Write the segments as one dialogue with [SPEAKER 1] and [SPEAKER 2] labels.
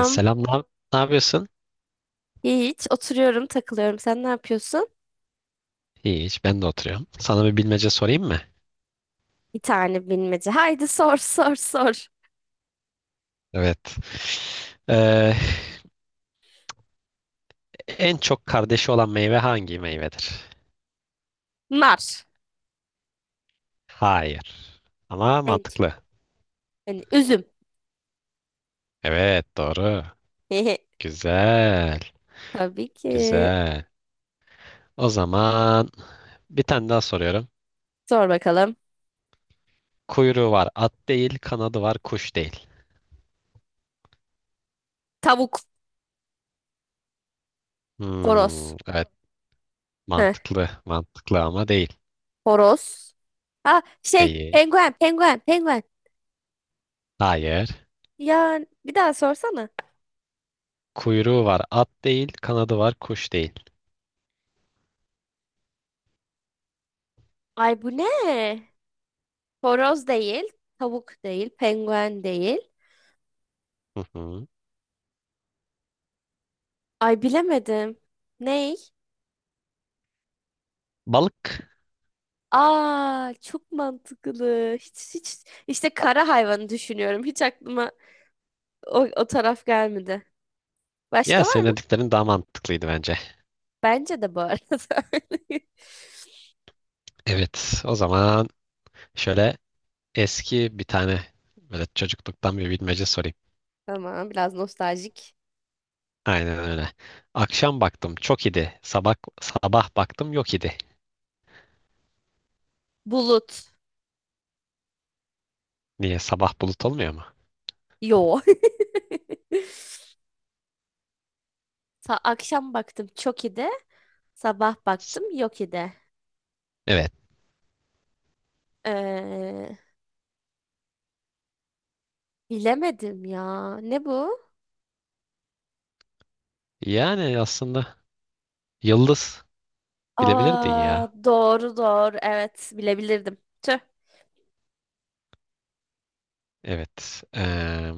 [SPEAKER 1] Selam, ne yapıyorsun?
[SPEAKER 2] Hiç oturuyorum, takılıyorum. Sen ne yapıyorsun?
[SPEAKER 1] İyi, hiç ben de oturuyorum. Sana bir bilmece sorayım mı?
[SPEAKER 2] Bir tane bilmece. Haydi sor sor.
[SPEAKER 1] Evet. Ee, En çok kardeşi olan meyve hangi meyvedir?
[SPEAKER 2] Nar.
[SPEAKER 1] Hayır. Ama
[SPEAKER 2] Evet.
[SPEAKER 1] mantıklı.
[SPEAKER 2] Yani üzüm.
[SPEAKER 1] Evet, doğru. Güzel,
[SPEAKER 2] Tabii ki.
[SPEAKER 1] güzel. O zaman bir tane daha soruyorum.
[SPEAKER 2] Sor bakalım.
[SPEAKER 1] Kuyruğu var at değil, kanadı var kuş değil.
[SPEAKER 2] Tavuk.
[SPEAKER 1] Hmm,
[SPEAKER 2] Horoz.
[SPEAKER 1] evet,
[SPEAKER 2] Heh,
[SPEAKER 1] mantıklı, mantıklı ama değil.
[SPEAKER 2] horoz. Ha şey
[SPEAKER 1] Değil.
[SPEAKER 2] penguen penguen.
[SPEAKER 1] Hayır.
[SPEAKER 2] Ya bir daha sorsana.
[SPEAKER 1] Kuyruğu var at değil, kanadı var kuş değil.
[SPEAKER 2] Ay bu ne? Horoz değil. Tavuk değil. Penguen değil.
[SPEAKER 1] Hı hı.
[SPEAKER 2] Ay bilemedim. Ne?
[SPEAKER 1] Balık.
[SPEAKER 2] Aa çok mantıklı. Hiç işte kara hayvanı düşünüyorum. Hiç aklıma o taraf gelmedi.
[SPEAKER 1] Ya
[SPEAKER 2] Başka var
[SPEAKER 1] senin
[SPEAKER 2] mı?
[SPEAKER 1] dediklerin daha mantıklıydı bence.
[SPEAKER 2] Bence de bu arada.
[SPEAKER 1] Evet, o zaman şöyle eski bir tane böyle çocukluktan bir bilmece sorayım.
[SPEAKER 2] Tamam, biraz nostaljik.
[SPEAKER 1] Aynen öyle. Akşam baktım çok idi. Sabah baktım yok idi.
[SPEAKER 2] Bulut.
[SPEAKER 1] Niye sabah bulut olmuyor mu?
[SPEAKER 2] Yo. Akşam baktım çok iyi de sabah
[SPEAKER 1] S-
[SPEAKER 2] baktım yok idi.
[SPEAKER 1] Evet.
[SPEAKER 2] Ee, bilemedim ya. Ne bu?
[SPEAKER 1] Yani aslında yıldız bilebilirdin
[SPEAKER 2] Aa
[SPEAKER 1] ya.
[SPEAKER 2] doğru doğru, evet bilebilirdim. Tüh.
[SPEAKER 1] Evet. Eee,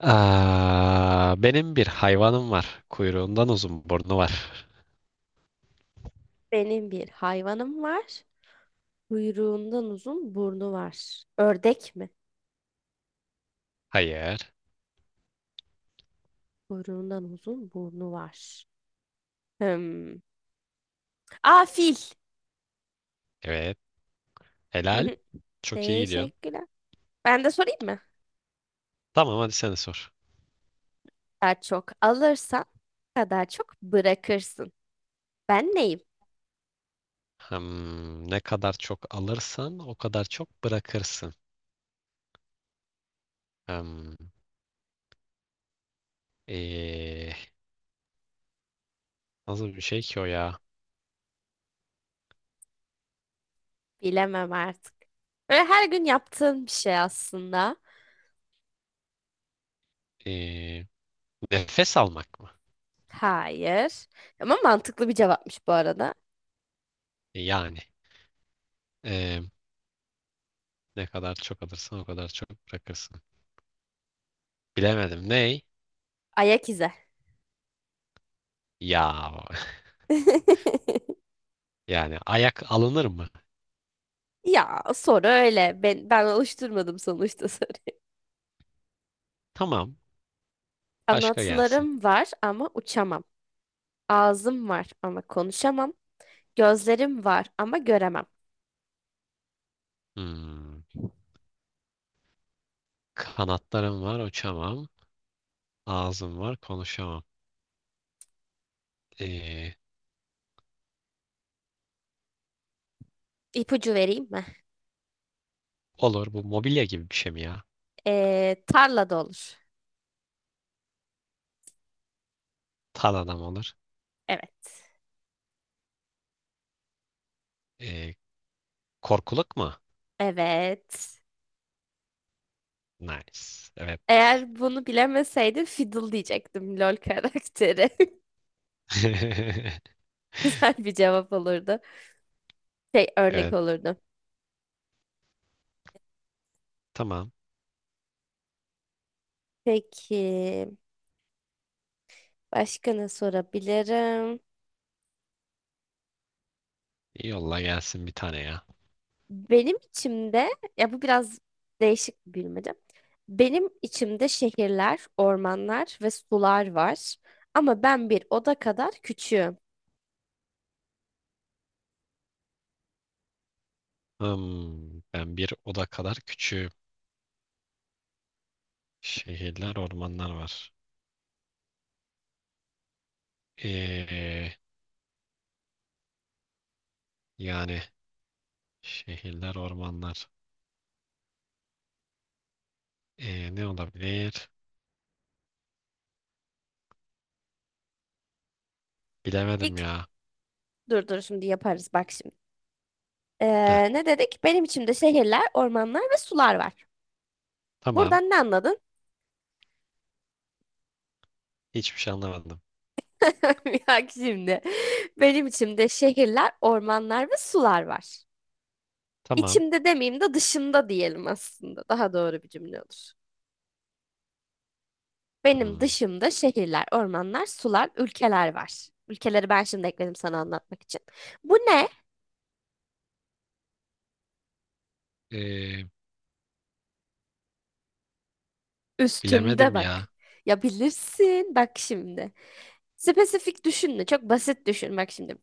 [SPEAKER 1] aa, Benim bir hayvanım var. Kuyruğundan uzun burnu var.
[SPEAKER 2] Benim bir hayvanım var. Kuyruğundan uzun burnu var. Ördek mi?
[SPEAKER 1] Hayır.
[SPEAKER 2] Kuyruğundan uzun burnu var. Hmm. Aa, fil.
[SPEAKER 1] Evet. Helal. Çok iyi gidiyorsun.
[SPEAKER 2] Teşekkürler. Ben de sorayım mı?
[SPEAKER 1] Tamam, hadi sen de sor.
[SPEAKER 2] Daha çok alırsan kadar çok bırakırsın. Ben neyim?
[SPEAKER 1] Hmm, ne kadar çok alırsan o kadar çok bırakırsın. Hmm, ee, Nasıl bir şey ki o ya?
[SPEAKER 2] Bilemem artık. Böyle her gün yaptığın bir şey aslında.
[SPEAKER 1] Ee, Nefes almak mı?
[SPEAKER 2] Hayır. Ama mantıklı bir cevapmış bu arada.
[SPEAKER 1] Yani ee, ne kadar çok alırsan o kadar çok bırakırsın. Bilemedim. Ney?
[SPEAKER 2] Ayak izi.
[SPEAKER 1] Ya yani ayak alınır mı?
[SPEAKER 2] Ya soru öyle. Ben oluşturmadım sonuçta soruyu.
[SPEAKER 1] Tamam. Başka gelsin.
[SPEAKER 2] Kanatlarım var ama uçamam. Ağzım var ama konuşamam. Gözlerim var ama göremem.
[SPEAKER 1] Hmm, kanatlarım var uçamam. Ağzım var konuşamam. Ee,
[SPEAKER 2] İpucu vereyim mi?
[SPEAKER 1] olur, bu mobilya gibi bir şey mi ya?
[SPEAKER 2] Tarlada olur.
[SPEAKER 1] Tan adam olur.
[SPEAKER 2] Evet.
[SPEAKER 1] Ee, Korkuluk mu?
[SPEAKER 2] Evet.
[SPEAKER 1] Nice. Evet.
[SPEAKER 2] Eğer bunu bilemeseydim fiddle diyecektim, LOL karakteri. Güzel bir cevap olurdu. Şey örnek
[SPEAKER 1] Evet.
[SPEAKER 2] olurdu.
[SPEAKER 1] Tamam.
[SPEAKER 2] Peki başka ne sorabilirim?
[SPEAKER 1] Yolla gelsin bir tane ya.
[SPEAKER 2] Benim içimde, ya bu biraz değişik bir bilmece. Benim içimde şehirler, ormanlar ve sular var. Ama ben bir oda kadar küçüğüm.
[SPEAKER 1] Hmm, ben bir oda kadar küçüğüm. Şehirler, ormanlar var. Ee, Yani şehirler, ormanlar. Ne olabilir? Bilemedim
[SPEAKER 2] İlk
[SPEAKER 1] ya.
[SPEAKER 2] dur şimdi yaparız bak şimdi.
[SPEAKER 1] Heh,
[SPEAKER 2] Ne dedik? Benim içimde şehirler, ormanlar ve sular var.
[SPEAKER 1] tamam.
[SPEAKER 2] Buradan ne anladın?
[SPEAKER 1] Hiçbir şey anlamadım.
[SPEAKER 2] Bak şimdi. Benim içimde şehirler, ormanlar ve sular var.
[SPEAKER 1] Tamam.
[SPEAKER 2] İçimde demeyeyim de dışımda diyelim aslında. Daha doğru bir cümle olur. Benim
[SPEAKER 1] Hmm.
[SPEAKER 2] dışımda şehirler, ormanlar, sular, ülkeler var. Ülkeleri ben şimdi ekledim sana anlatmak için. Bu ne?
[SPEAKER 1] Ee,
[SPEAKER 2] Üstümde
[SPEAKER 1] Bilemedim
[SPEAKER 2] bak.
[SPEAKER 1] ya.
[SPEAKER 2] Ya bilirsin bak şimdi. Spesifik düşünme, çok basit düşün bak şimdi.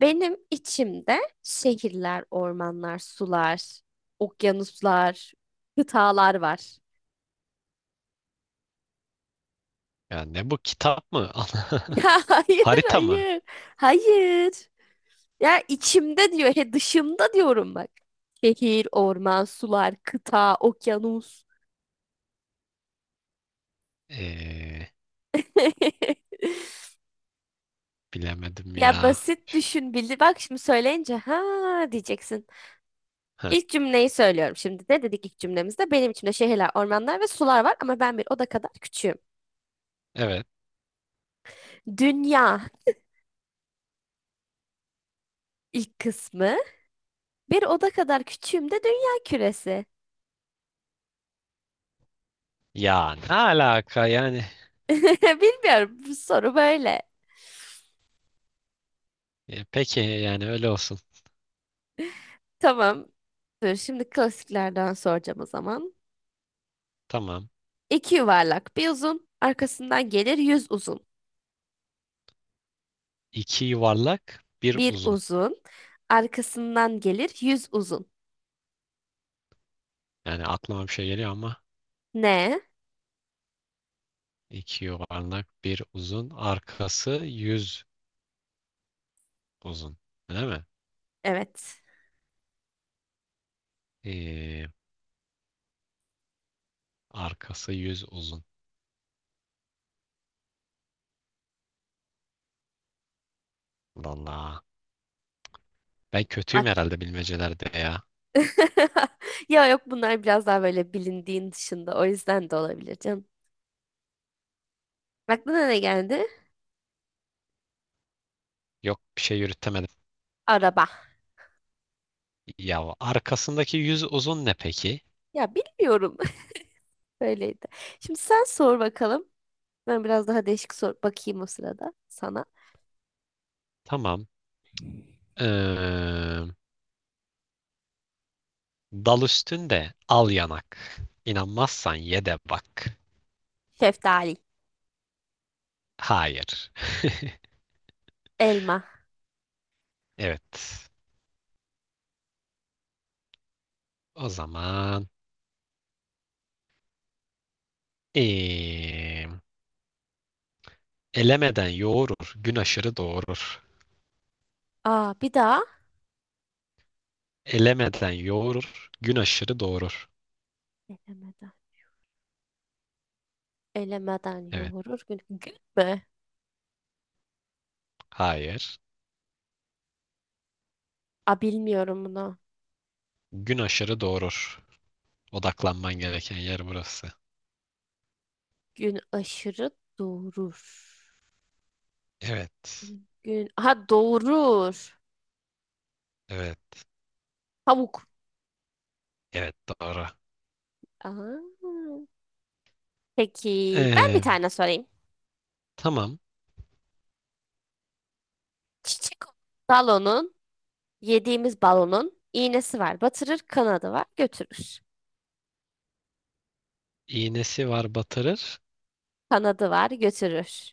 [SPEAKER 2] Benim içimde şehirler, ormanlar, sular, okyanuslar, kıtalar var.
[SPEAKER 1] Ya ne bu, kitap mı?
[SPEAKER 2] Ya hayır,
[SPEAKER 1] Harita mı?
[SPEAKER 2] hayır. Hayır. Ya içimde diyor, he dışımda diyorum bak. Şehir, orman, sular, kıta, okyanus.
[SPEAKER 1] Ee, Bilemedim
[SPEAKER 2] Ya
[SPEAKER 1] ya.
[SPEAKER 2] basit düşün bildi. Bak şimdi söyleyince ha diyeceksin.
[SPEAKER 1] Heh,
[SPEAKER 2] İlk cümleyi söylüyorum şimdi. Ne dedik ilk cümlemizde? Benim içimde şehirler, ormanlar ve sular var ama ben bir oda kadar küçüğüm.
[SPEAKER 1] evet.
[SPEAKER 2] Dünya, ilk kısmı. Bir oda kadar küçüğüm de dünya küresi.
[SPEAKER 1] Ya ne alaka yani?
[SPEAKER 2] Bilmiyorum, bu soru böyle.
[SPEAKER 1] E, peki yani öyle olsun.
[SPEAKER 2] Tamam. Dur şimdi klasiklerden soracağım o zaman.
[SPEAKER 1] Tamam.
[SPEAKER 2] İki yuvarlak bir uzun, arkasından gelir yüz uzun.
[SPEAKER 1] İki yuvarlak, bir
[SPEAKER 2] Bir
[SPEAKER 1] uzun.
[SPEAKER 2] uzun, arkasından gelir yüz uzun.
[SPEAKER 1] Yani aklıma bir şey geliyor ama
[SPEAKER 2] Ne?
[SPEAKER 1] iki yuvarlak, bir uzun. Arkası yüz uzun. Değil mi?
[SPEAKER 2] Evet.
[SPEAKER 1] Ee, Arkası yüz uzun. Vallahi. Ben kötüyüm
[SPEAKER 2] Ak-
[SPEAKER 1] herhalde bilmecelerde ya.
[SPEAKER 2] Ya yok, bunlar biraz daha böyle bilindiğin dışında. O yüzden de olabilir canım. Aklına ne geldi?
[SPEAKER 1] Yok, bir şey yürütemedim.
[SPEAKER 2] Araba.
[SPEAKER 1] Ya arkasındaki yüz uzun ne peki?
[SPEAKER 2] Ya bilmiyorum. Böyleydi. Şimdi sen sor bakalım. Ben biraz daha değişik sor bakayım o sırada sana.
[SPEAKER 1] Tamam. Ee, Dal üstünde al yanak. İnanmazsan ye de bak.
[SPEAKER 2] Şeftali.
[SPEAKER 1] Hayır.
[SPEAKER 2] Elma.
[SPEAKER 1] Evet. O zaman eee, elemeden yoğurur, gün aşırı doğurur.
[SPEAKER 2] Aa, bir daha.
[SPEAKER 1] Elemeden yoğurur, gün aşırı doğurur.
[SPEAKER 2] Elemeden. Elemeden
[SPEAKER 1] Evet.
[SPEAKER 2] yoğurur gün. Gün mü?
[SPEAKER 1] Hayır.
[SPEAKER 2] Aa, bilmiyorum bunu.
[SPEAKER 1] Gün aşırı doğurur. Odaklanman gereken yer burası.
[SPEAKER 2] Gün aşırı doğurur.
[SPEAKER 1] Evet.
[SPEAKER 2] Gün. Ha, doğurur.
[SPEAKER 1] Evet.
[SPEAKER 2] Pamuk.
[SPEAKER 1] Evet, doğru.
[SPEAKER 2] Aa. Peki ben bir
[SPEAKER 1] Eee,
[SPEAKER 2] tane sorayım.
[SPEAKER 1] tamam.
[SPEAKER 2] Çiçek balonun, yediğimiz balonun iğnesi var. Batırır, kanadı var, götürür.
[SPEAKER 1] İğnesi var batırır.
[SPEAKER 2] Kanadı var, götürür.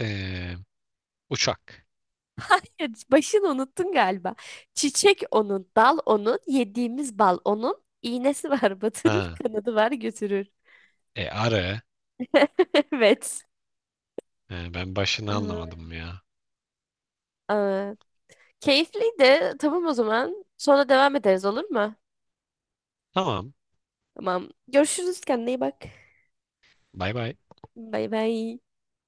[SPEAKER 1] Eee, Uçak.
[SPEAKER 2] Hayır, başını unuttun galiba. Çiçek onun, dal onun, yediğimiz bal onun, iğnesi var, batırır,
[SPEAKER 1] Ha.
[SPEAKER 2] kanadı var, götürür.
[SPEAKER 1] E, arı.
[SPEAKER 2] Evet.
[SPEAKER 1] Ben başını
[SPEAKER 2] Ee,
[SPEAKER 1] anlamadım ya.
[SPEAKER 2] Aa, keyifliydi. Tamam o zaman. Sonra devam ederiz olur mu?
[SPEAKER 1] Tamam.
[SPEAKER 2] Tamam. Görüşürüz. Kendine iyi bak.
[SPEAKER 1] Bay bay.
[SPEAKER 2] Bay bay.